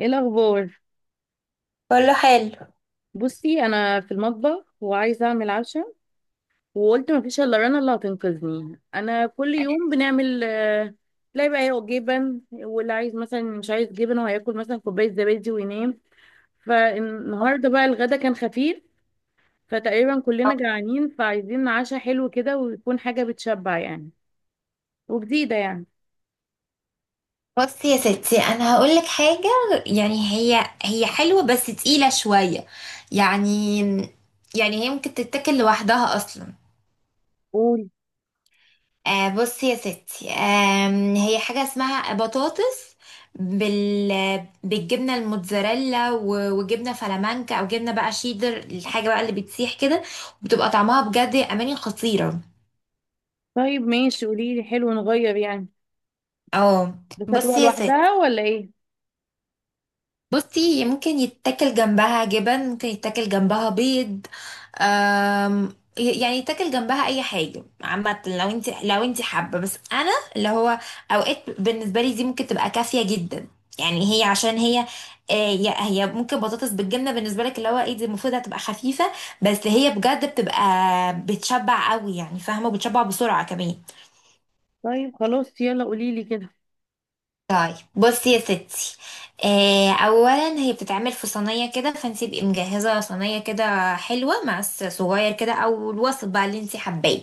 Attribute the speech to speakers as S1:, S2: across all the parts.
S1: ايه الاخبار؟
S2: كله حلو.
S1: بصي، انا في المطبخ وعايزه اعمل عشاء، وقلت مفيش الا رنا اللي هتنقذني. انا كل يوم بنعمل تلاقي بقى هو جبن، واللي عايز مثلا مش عايز جبن وهياكل مثلا كوبايه زبادي وينام. فالنهارده بقى الغدا كان خفيف، فتقريبا كلنا جعانين، فعايزين عشاء حلو كده ويكون حاجه بتشبع يعني، وجديده يعني.
S2: بصي يا ستي، انا هقول لك حاجه. يعني هي هي حلوه بس تقيله شويه، يعني هي ممكن تتاكل لوحدها اصلا.
S1: قولي.
S2: آه، بصي يا ستي، هي حاجه اسمها بطاطس بالجبنه الموتزاريلا وجبنه فلامانكا او جبنه بقى شيدر، الحاجه بقى اللي بتسيح كده وبتبقى طعمها بجد يا اماني خطيره.
S1: طيب ماشي، قولي لي. حلو نغير يعني.
S2: اه،
S1: بس هتبقى
S2: بصي يا ستي،
S1: لوحدها ولا ايه؟
S2: بصي، هي ممكن يتاكل جنبها جبن، ممكن يتاكل جنبها بيض. أم يعني يتاكل جنبها اي حاجه عامه، لو انت حابه، بس انا اللي هو اوقات بالنسبه لي دي ممكن تبقى كافيه جدا. يعني هي عشان هي، هي هي ممكن بطاطس بالجبنه بالنسبه لك اللي هو ايه دي، المفروض هتبقى خفيفه بس هي بجد بتبقى بتشبع قوي، يعني فاهمه، وبتشبع بسرعه كمان.
S1: طيب خلاص، يلا قولي لي كده.
S2: طيب، بصي يا ستي. اولا هي بتتعمل في صينيه كده، فانت تبقي مجهزه صينيه كده حلوه، مع الصغير كده او الوسط بقى اللي انت حباه.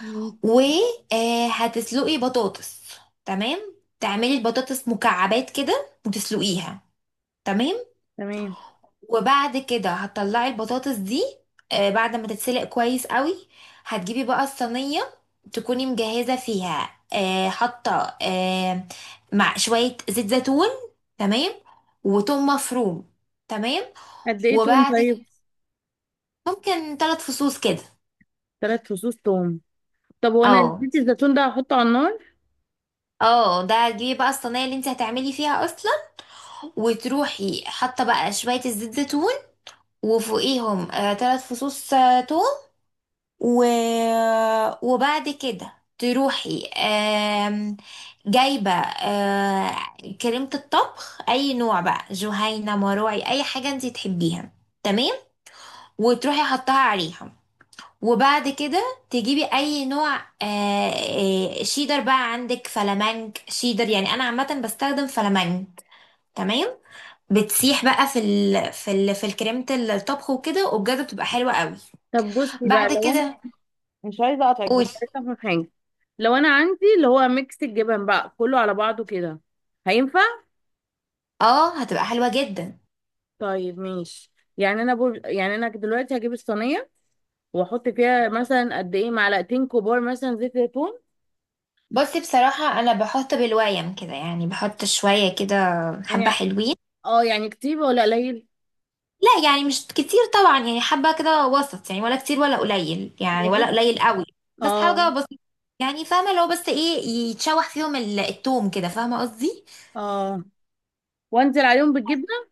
S1: مم.
S2: وهتسلقي بطاطس. تمام. تعملي البطاطس مكعبات كده وتسلقيها. تمام.
S1: تمام.
S2: وبعد كده هتطلعي البطاطس دي بعد ما تتسلق كويس قوي. هتجيبي بقى الصينية، تكوني مجهزة فيها حاطة مع شوية زيت زيتون، تمام، وتوم مفروم. تمام.
S1: قد ايه توم
S2: وبعد كده
S1: طيب؟
S2: ممكن ثلاث فصوص كده.
S1: ثلاث فصوص توم. طب وانا
S2: اه،
S1: نسيت الزيتون ده، هحطه على النار؟
S2: اه، ده تجيبي بقى الصينية اللي انت هتعملي فيها اصلا، وتروحي حاطة بقى شوية الزيت زيتون، وفوقيهم ثلاث فصوص توم. و... وبعد كده تروحي جايبة كريمة الطبخ، أي نوع بقى، جهينة، مروعي، أي حاجة انتي تحبيها. تمام، وتروحي حطها عليها. وبعد كده تجيبي أي نوع، آه، شيدر بقى، عندك فلامنك شيدر، يعني أنا عامة بستخدم فلامنك. تمام. بتسيح بقى في الكريمة الطبخ وكده، وبجد بتبقى حلوة قوي.
S1: طب بصي بقى،
S2: بعد
S1: لو انا
S2: كده
S1: مش عايزه اقطعك بس
S2: قولي.
S1: عايزه افهم حاجه. لو انا عندي اللي هو ميكس الجبن بقى كله على بعضه كده، هينفع؟
S2: اه، هتبقى حلوة جدا.
S1: طيب ماشي. يعني انا دلوقتي هجيب الصينيه واحط فيها مثلا قد ايه؟ معلقتين كبار مثلا زيت زيتون؟
S2: بصي، بصراحة أنا بحط بالويم كده، يعني بحط شوية كده، حبة
S1: يعني
S2: حلوين.
S1: اه، يعني كتير ولا قليل؟
S2: لا، يعني مش كتير طبعا، يعني حبة كده وسط، يعني ولا كتير ولا قليل، يعني ولا
S1: واحط.
S2: قليل قوي، بس حاجة
S1: اه.
S2: بسيطة. يعني فاهمة، لو بس ايه يتشوح فيهم التوم كده، فاهمة قصدي.
S1: اه. وانزل عليهم بالجبنه؟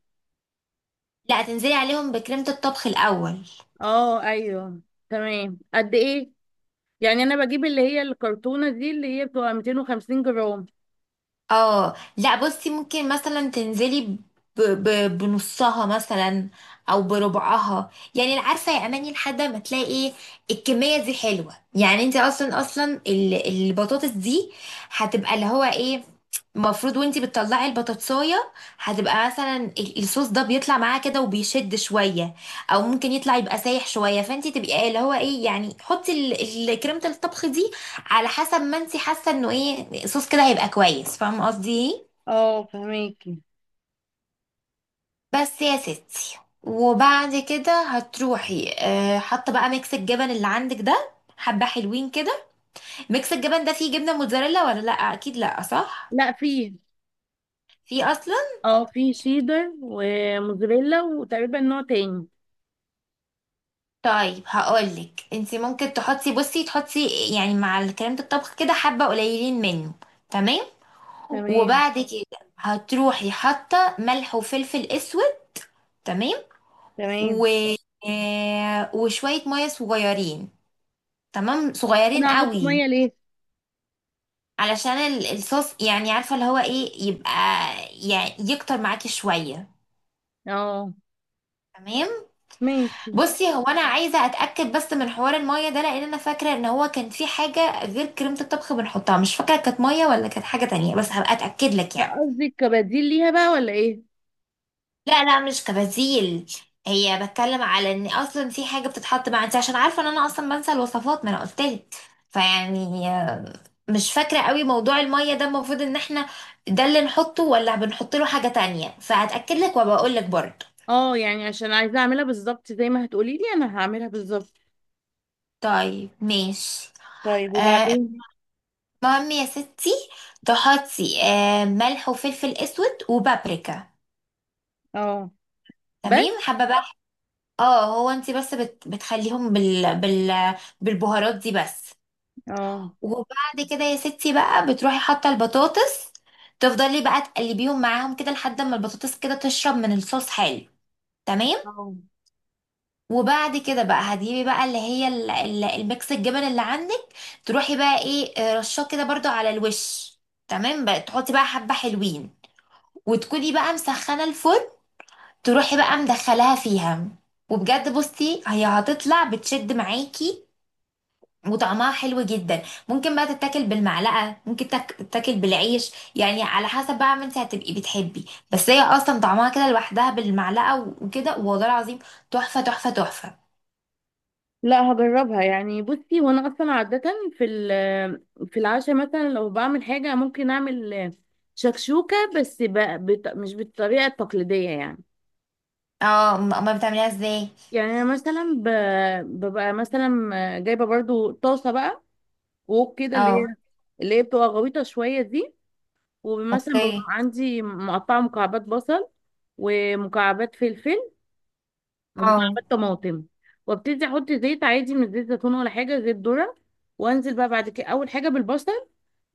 S2: لا، تنزلي عليهم بكريمة الطبخ الأول.
S1: اه ايوه. تمام. قد ايه؟ يعني انا بجيب اللي هي الكرتونة دي اللي هي بتبقى 250 جرام.
S2: اه، لا، بصي، ممكن مثلا تنزلي بنصها مثلا او بربعها، يعني عارفه يا اماني، لحد ما تلاقي ايه الكميه دي حلوه. يعني انت اصلا اصلا البطاطس دي هتبقى اللي هو ايه المفروض، وانتي بتطلعي البطاطسايه هتبقى مثلا الصوص ده بيطلع معاه كده وبيشد شويه، او ممكن يطلع يبقى سايح شويه، فانتي تبقي اللي هو ايه يعني، حطي كريمه الطبخ دي على حسب ما انت حاسه انه ايه صوص كده هيبقى كويس، فاهمه قصدي ايه.
S1: اه فهميكي.
S2: بس يا ستي، وبعد كده هتروحي اه حاطه بقى ميكس الجبن اللي عندك ده، حبه حلوين كده. ميكس الجبن ده فيه جبنه موتزاريلا ولا لا؟ اكيد لا، صح؟
S1: لا فيه.
S2: في اصلا.
S1: اه فيه شيدر وموزاريلا وتقريبا نوع تاني.
S2: طيب، هقولك انت ممكن تحطي، بصي، تحطي يعني مع الكلام ده الطبخ كده حبه قليلين منه. تمام.
S1: تمام.
S2: وبعد كده هتروحي حاطه ملح وفلفل اسود. تمام.
S1: تمام.
S2: و... آه، وشوية مية صغيرين، تمام، صغيرين
S1: انا هحط
S2: قوي.
S1: ميه ليه؟
S2: علشان الصوص يعني، عارفة اللي هو ايه يبقى، يعني يكتر معاكي شوية.
S1: اه.
S2: تمام.
S1: ماشي.
S2: بصي، هو انا عايزة اتأكد بس من حوار المية ده، لان انا فاكرة ان هو كان في حاجة غير كريمة الطبخ بنحطها، مش فاكرة كانت مية ولا كانت حاجة تانية، بس هبقى اتأكد لك
S1: لا
S2: يعني.
S1: قصدي كبديل ليها بقى ولا ايه؟
S2: لا لا، مش كبديل. هي بتكلم على ان اصلا في حاجة بتتحط مع انت، عشان عارفة ان انا اصلا بنسى الوصفات، ما انا قلتلك. فيعني، مش فاكرة قوي موضوع المية ده، المفروض ان احنا ده اللي نحطه ولا بنحط له حاجة تانية، فهتأكد لك وبقول لك برضه.
S1: اه يعني عشان عايزه اعملها بالظبط زي ما هتقولي لي، انا هعملها بالظبط.
S2: طيب، ماشي.
S1: طيب
S2: آه،
S1: وبعدين؟
S2: المهم يا ستي، تحطي ملح وفلفل اسود وبابريكا.
S1: اه. بس.
S2: تمام. حابة بقى. اه، هو انت بس بتخليهم بالبهارات دي بس.
S1: اه.
S2: وبعد كده يا ستي بقى بتروحي حاطة البطاطس، تفضلي بقى تقلبيهم معاهم كده لحد ما البطاطس كده تشرب من الصوص حلو. تمام.
S1: اه
S2: وبعد كده بقى هتجيبي بقى اللي هي الميكس الجبن اللي عندك، تروحي بقى ايه رشاه كده برضو على الوش. تمام، بقى تحطي بقى حبة حلوين، وتكوني بقى مسخنة الفرن، تروحي بقى مدخلاها فيها. وبجد بصي هي هتطلع بتشد معاكي وطعمها حلو جدا. ممكن بقى تتاكل بالمعلقة، ممكن تتاكل بالعيش يعني، على حسب بقى ما انت هتبقي بتحبي. بس هي اصلا طعمها كده لوحدها بالمعلقة وكده، والله العظيم تحفة تحفة تحفة.
S1: لا، هجربها يعني. بصي، وانا اصلا عادة في العشاء مثلا لو بعمل حاجة ممكن اعمل شكشوكة، مش بالطريقة التقليدية يعني.
S2: اه، امال بتعمليها ازاي؟
S1: يعني انا مثلا ببقى مثلا جايبة برضو طاسة بقى، ووك كده
S2: اه،
S1: اللي هي بتبقى غويطة شوية دي. ومثلا ببقى
S2: اوكي.
S1: عندي مقطعة مكعبات بصل، ومكعبات فلفل،
S2: اه،
S1: ومكعبات طماطم. وابتدي احط زيت عادي، من زيت زيتون ولا حاجه زيت ذره. وانزل بقى بعد كده، اول حاجه بالبصل،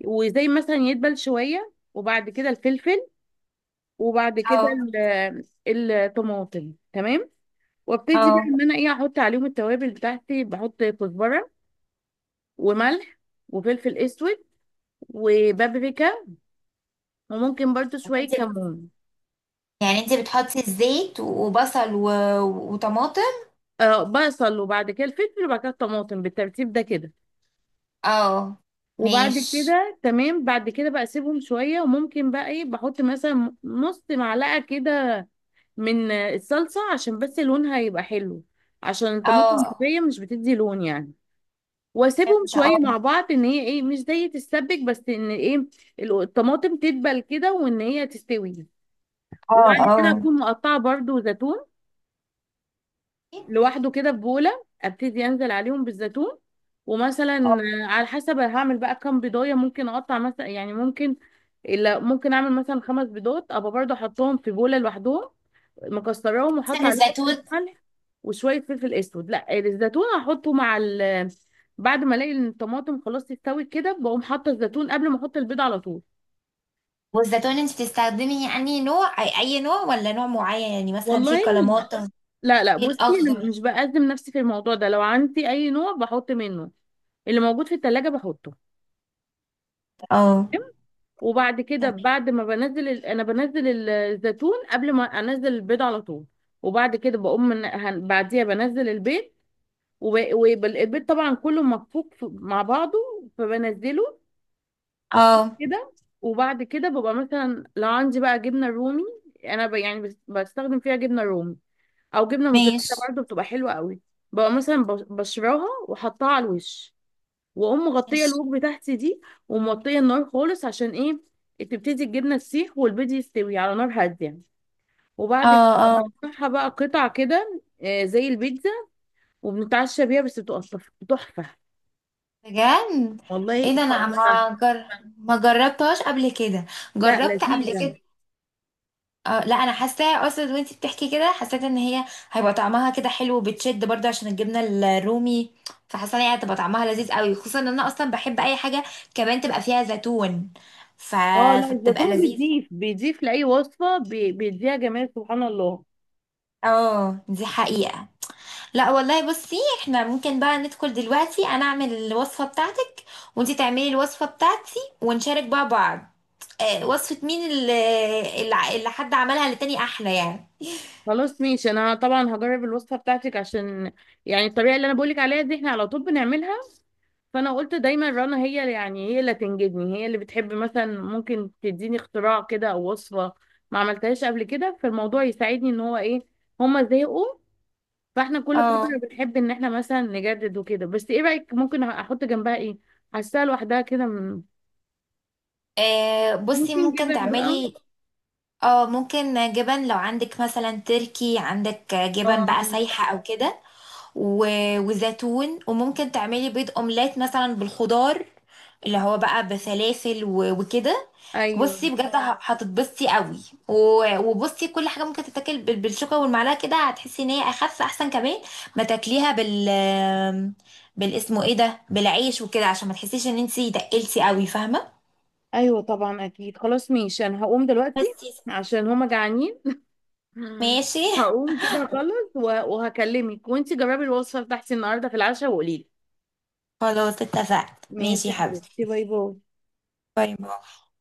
S1: وزي مثلا يدبل شويه وبعد كده الفلفل، وبعد كده
S2: اه،
S1: الطماطم. تمام. وابتدي بقى
S2: اه،
S1: ان انا ايه، احط عليهم التوابل بتاعتي. بحط كزبره، وملح، وفلفل اسود، وبابريكا، وممكن برضو
S2: انت
S1: شويه
S2: بت...
S1: كمون.
S2: يعني انت بتحطي الزيت وبصل وطماطم.
S1: آه بصل، وبعد كده الفلفل، وبعد كده الطماطم بالترتيب ده كده.
S2: اه،
S1: وبعد
S2: ماشي.
S1: كده تمام، بعد كده بقى اسيبهم شويه. وممكن بقى ايه، بحط مثلا نص معلقه كده من الصلصه، عشان بس لونها يبقى حلو، عشان الطماطم
S2: اه،
S1: المطبيه مش بتدي لون يعني. واسيبهم
S2: فهمت.
S1: شويه
S2: اه،
S1: مع بعض، ان هي ايه، مش زي تتسبك بس ان ايه، الطماطم تدبل كده وان هي تستوي. وبعد
S2: اه،
S1: كده
S2: اه،
S1: اكون مقطعه برضو زيتون لوحده كده في بولة، ابتدي انزل عليهم بالزيتون. ومثلا
S2: اه،
S1: على حسب هعمل بقى كام بيضاية، ممكن اقطع مثلا، يعني ممكن إلا ممكن اعمل مثلا خمس بيضات، ابقى برضه احطهم في بولة لوحدهم، مكسراهم، وحط
S2: مثلا
S1: عليهم شوية
S2: الزيتون.
S1: ملح، وشوية فلفل اسود. لا الزيتون هحطه مع ال، بعد ما الاقي إن الطماطم خلاص استوت كده، بقوم حاطه الزيتون قبل ما احط البيض على طول.
S2: والزيتون انت بتستخدمي يعني نوع، أي نوع، ولا نوع معين يعني مثلا في
S1: والله إن-
S2: كلماطة،
S1: لا لا،
S2: في
S1: بصي أنا
S2: الاخضر؟
S1: مش بأزم نفسي في الموضوع ده. لو عندي اي نوع بحط منه، اللي موجود في التلاجة بحطه.
S2: اه،
S1: وبعد كده،
S2: تمام.
S1: بعد ما بنزل الزيتون قبل ما انزل البيض على طول. وبعد كده بقوم بعديها بنزل البيض. والبيض طبعا كله مفكوك مع بعضه، فبنزله
S2: اه،
S1: كده. وبعد كده ببقى مثلا لو عندي بقى جبنه رومي، انا يعني بستخدم فيها جبنه رومي او جبنه موزاريلا
S2: ماشي.
S1: برضه، بتبقى حلوه قوي. ببقى مثلا بشراها واحطها على الوش، واقوم مغطيه
S2: ماشي.
S1: الوك بتاعتي دي، وموطيه النار خالص. عشان ايه؟ تبتدي الجبنه تسيح والبيض يستوي على نار هاديه. وبعد كده
S2: اه،
S1: بقطعها بقى قطع كده، زي البيتزا، وبنتعشى بيها. بس بتبقى تحفه تحفة.
S2: بجد؟
S1: والله
S2: ايه ده، انا
S1: تحفة.
S2: والله ما جربتهاش قبل كده.
S1: لا
S2: جربت قبل بصي
S1: لذيذة.
S2: كده. لا، انا حاساها اصلا وانتي بتحكي كده، حسيت ان هي هيبقى طعمها كده حلو وبتشد برضه عشان الجبنه الرومي، فحاسه ان هي هتبقى طعمها لذيذ قوي، خصوصا ان انا اصلا بحب اي حاجه كمان تبقى فيها زيتون. ف...
S1: اه لا،
S2: فبتبقى
S1: الزيتون
S2: لذيذ.
S1: بيضيف بيضيف لأي وصفة، بيديها جمال سبحان الله.
S2: اه، دي حقيقه. لا والله، بصي، احنا ممكن بقى ندخل دلوقتي، انا اعمل الوصفه بتاعتك وانتي تعملي الوصفه بتاعتي، ونشارك بقى بعض، وصفة مين اللي حد عملها للتاني احلى يعني.
S1: خلاص ماشي، انا طبعا هجرب الوصفه بتاعتك. عشان يعني الطريقه اللي انا بقولك عليها دي، احنا على طول بنعملها. فانا قلت دايما رنا هي يعني هي اللي تنجدني، هي اللي بتحب مثلا ممكن تديني اختراع كده او وصفه ما عملتهاش قبل كده. فالموضوع يساعدني ان هو ايه، هما زهقوا. فاحنا كل فتره
S2: اه،
S1: بنحب ان احنا مثلا نجدد وكده. بس ايه رايك ممكن احط جنبها ايه؟ حاساها لوحدها كده
S2: بصي
S1: ممكن
S2: ممكن
S1: جبن بقى؟
S2: تعملي، اه، ممكن جبن، لو عندك مثلا تركي، عندك جبن
S1: اه
S2: بقى سايحة او كده وزيتون. وممكن تعملي بيض اومليت مثلا بالخضار اللي هو بقى بسلاسل وكده.
S1: ايوه.
S2: بصي بجد هتتبسطي قوي وبصي كل حاجه ممكن تتاكل بالشوكه والمعلقه كده، هتحسي ان هي اخف احسن، كمان ما تاكليها بال بالاسمه ايه ده بالعيش وكده، عشان ما تحسيش ان انتي دقلتي قوي، فاهمه.
S1: ايوه طبعا اكيد، خلاص ماشي. انا هقوم
S2: بس.
S1: دلوقتي عشان هما جعانين. مم.
S2: ماشي.
S1: هقوم كده اخلص وهكلمك. وانتي جربي الوصفه بتاعتي النهارده في العشاء وقولي لي.
S2: خلاص، اتفقت.
S1: ماشي
S2: ماشي يا
S1: يا
S2: حبيبتي.
S1: حبيبتي، باي باي.
S2: باي باي.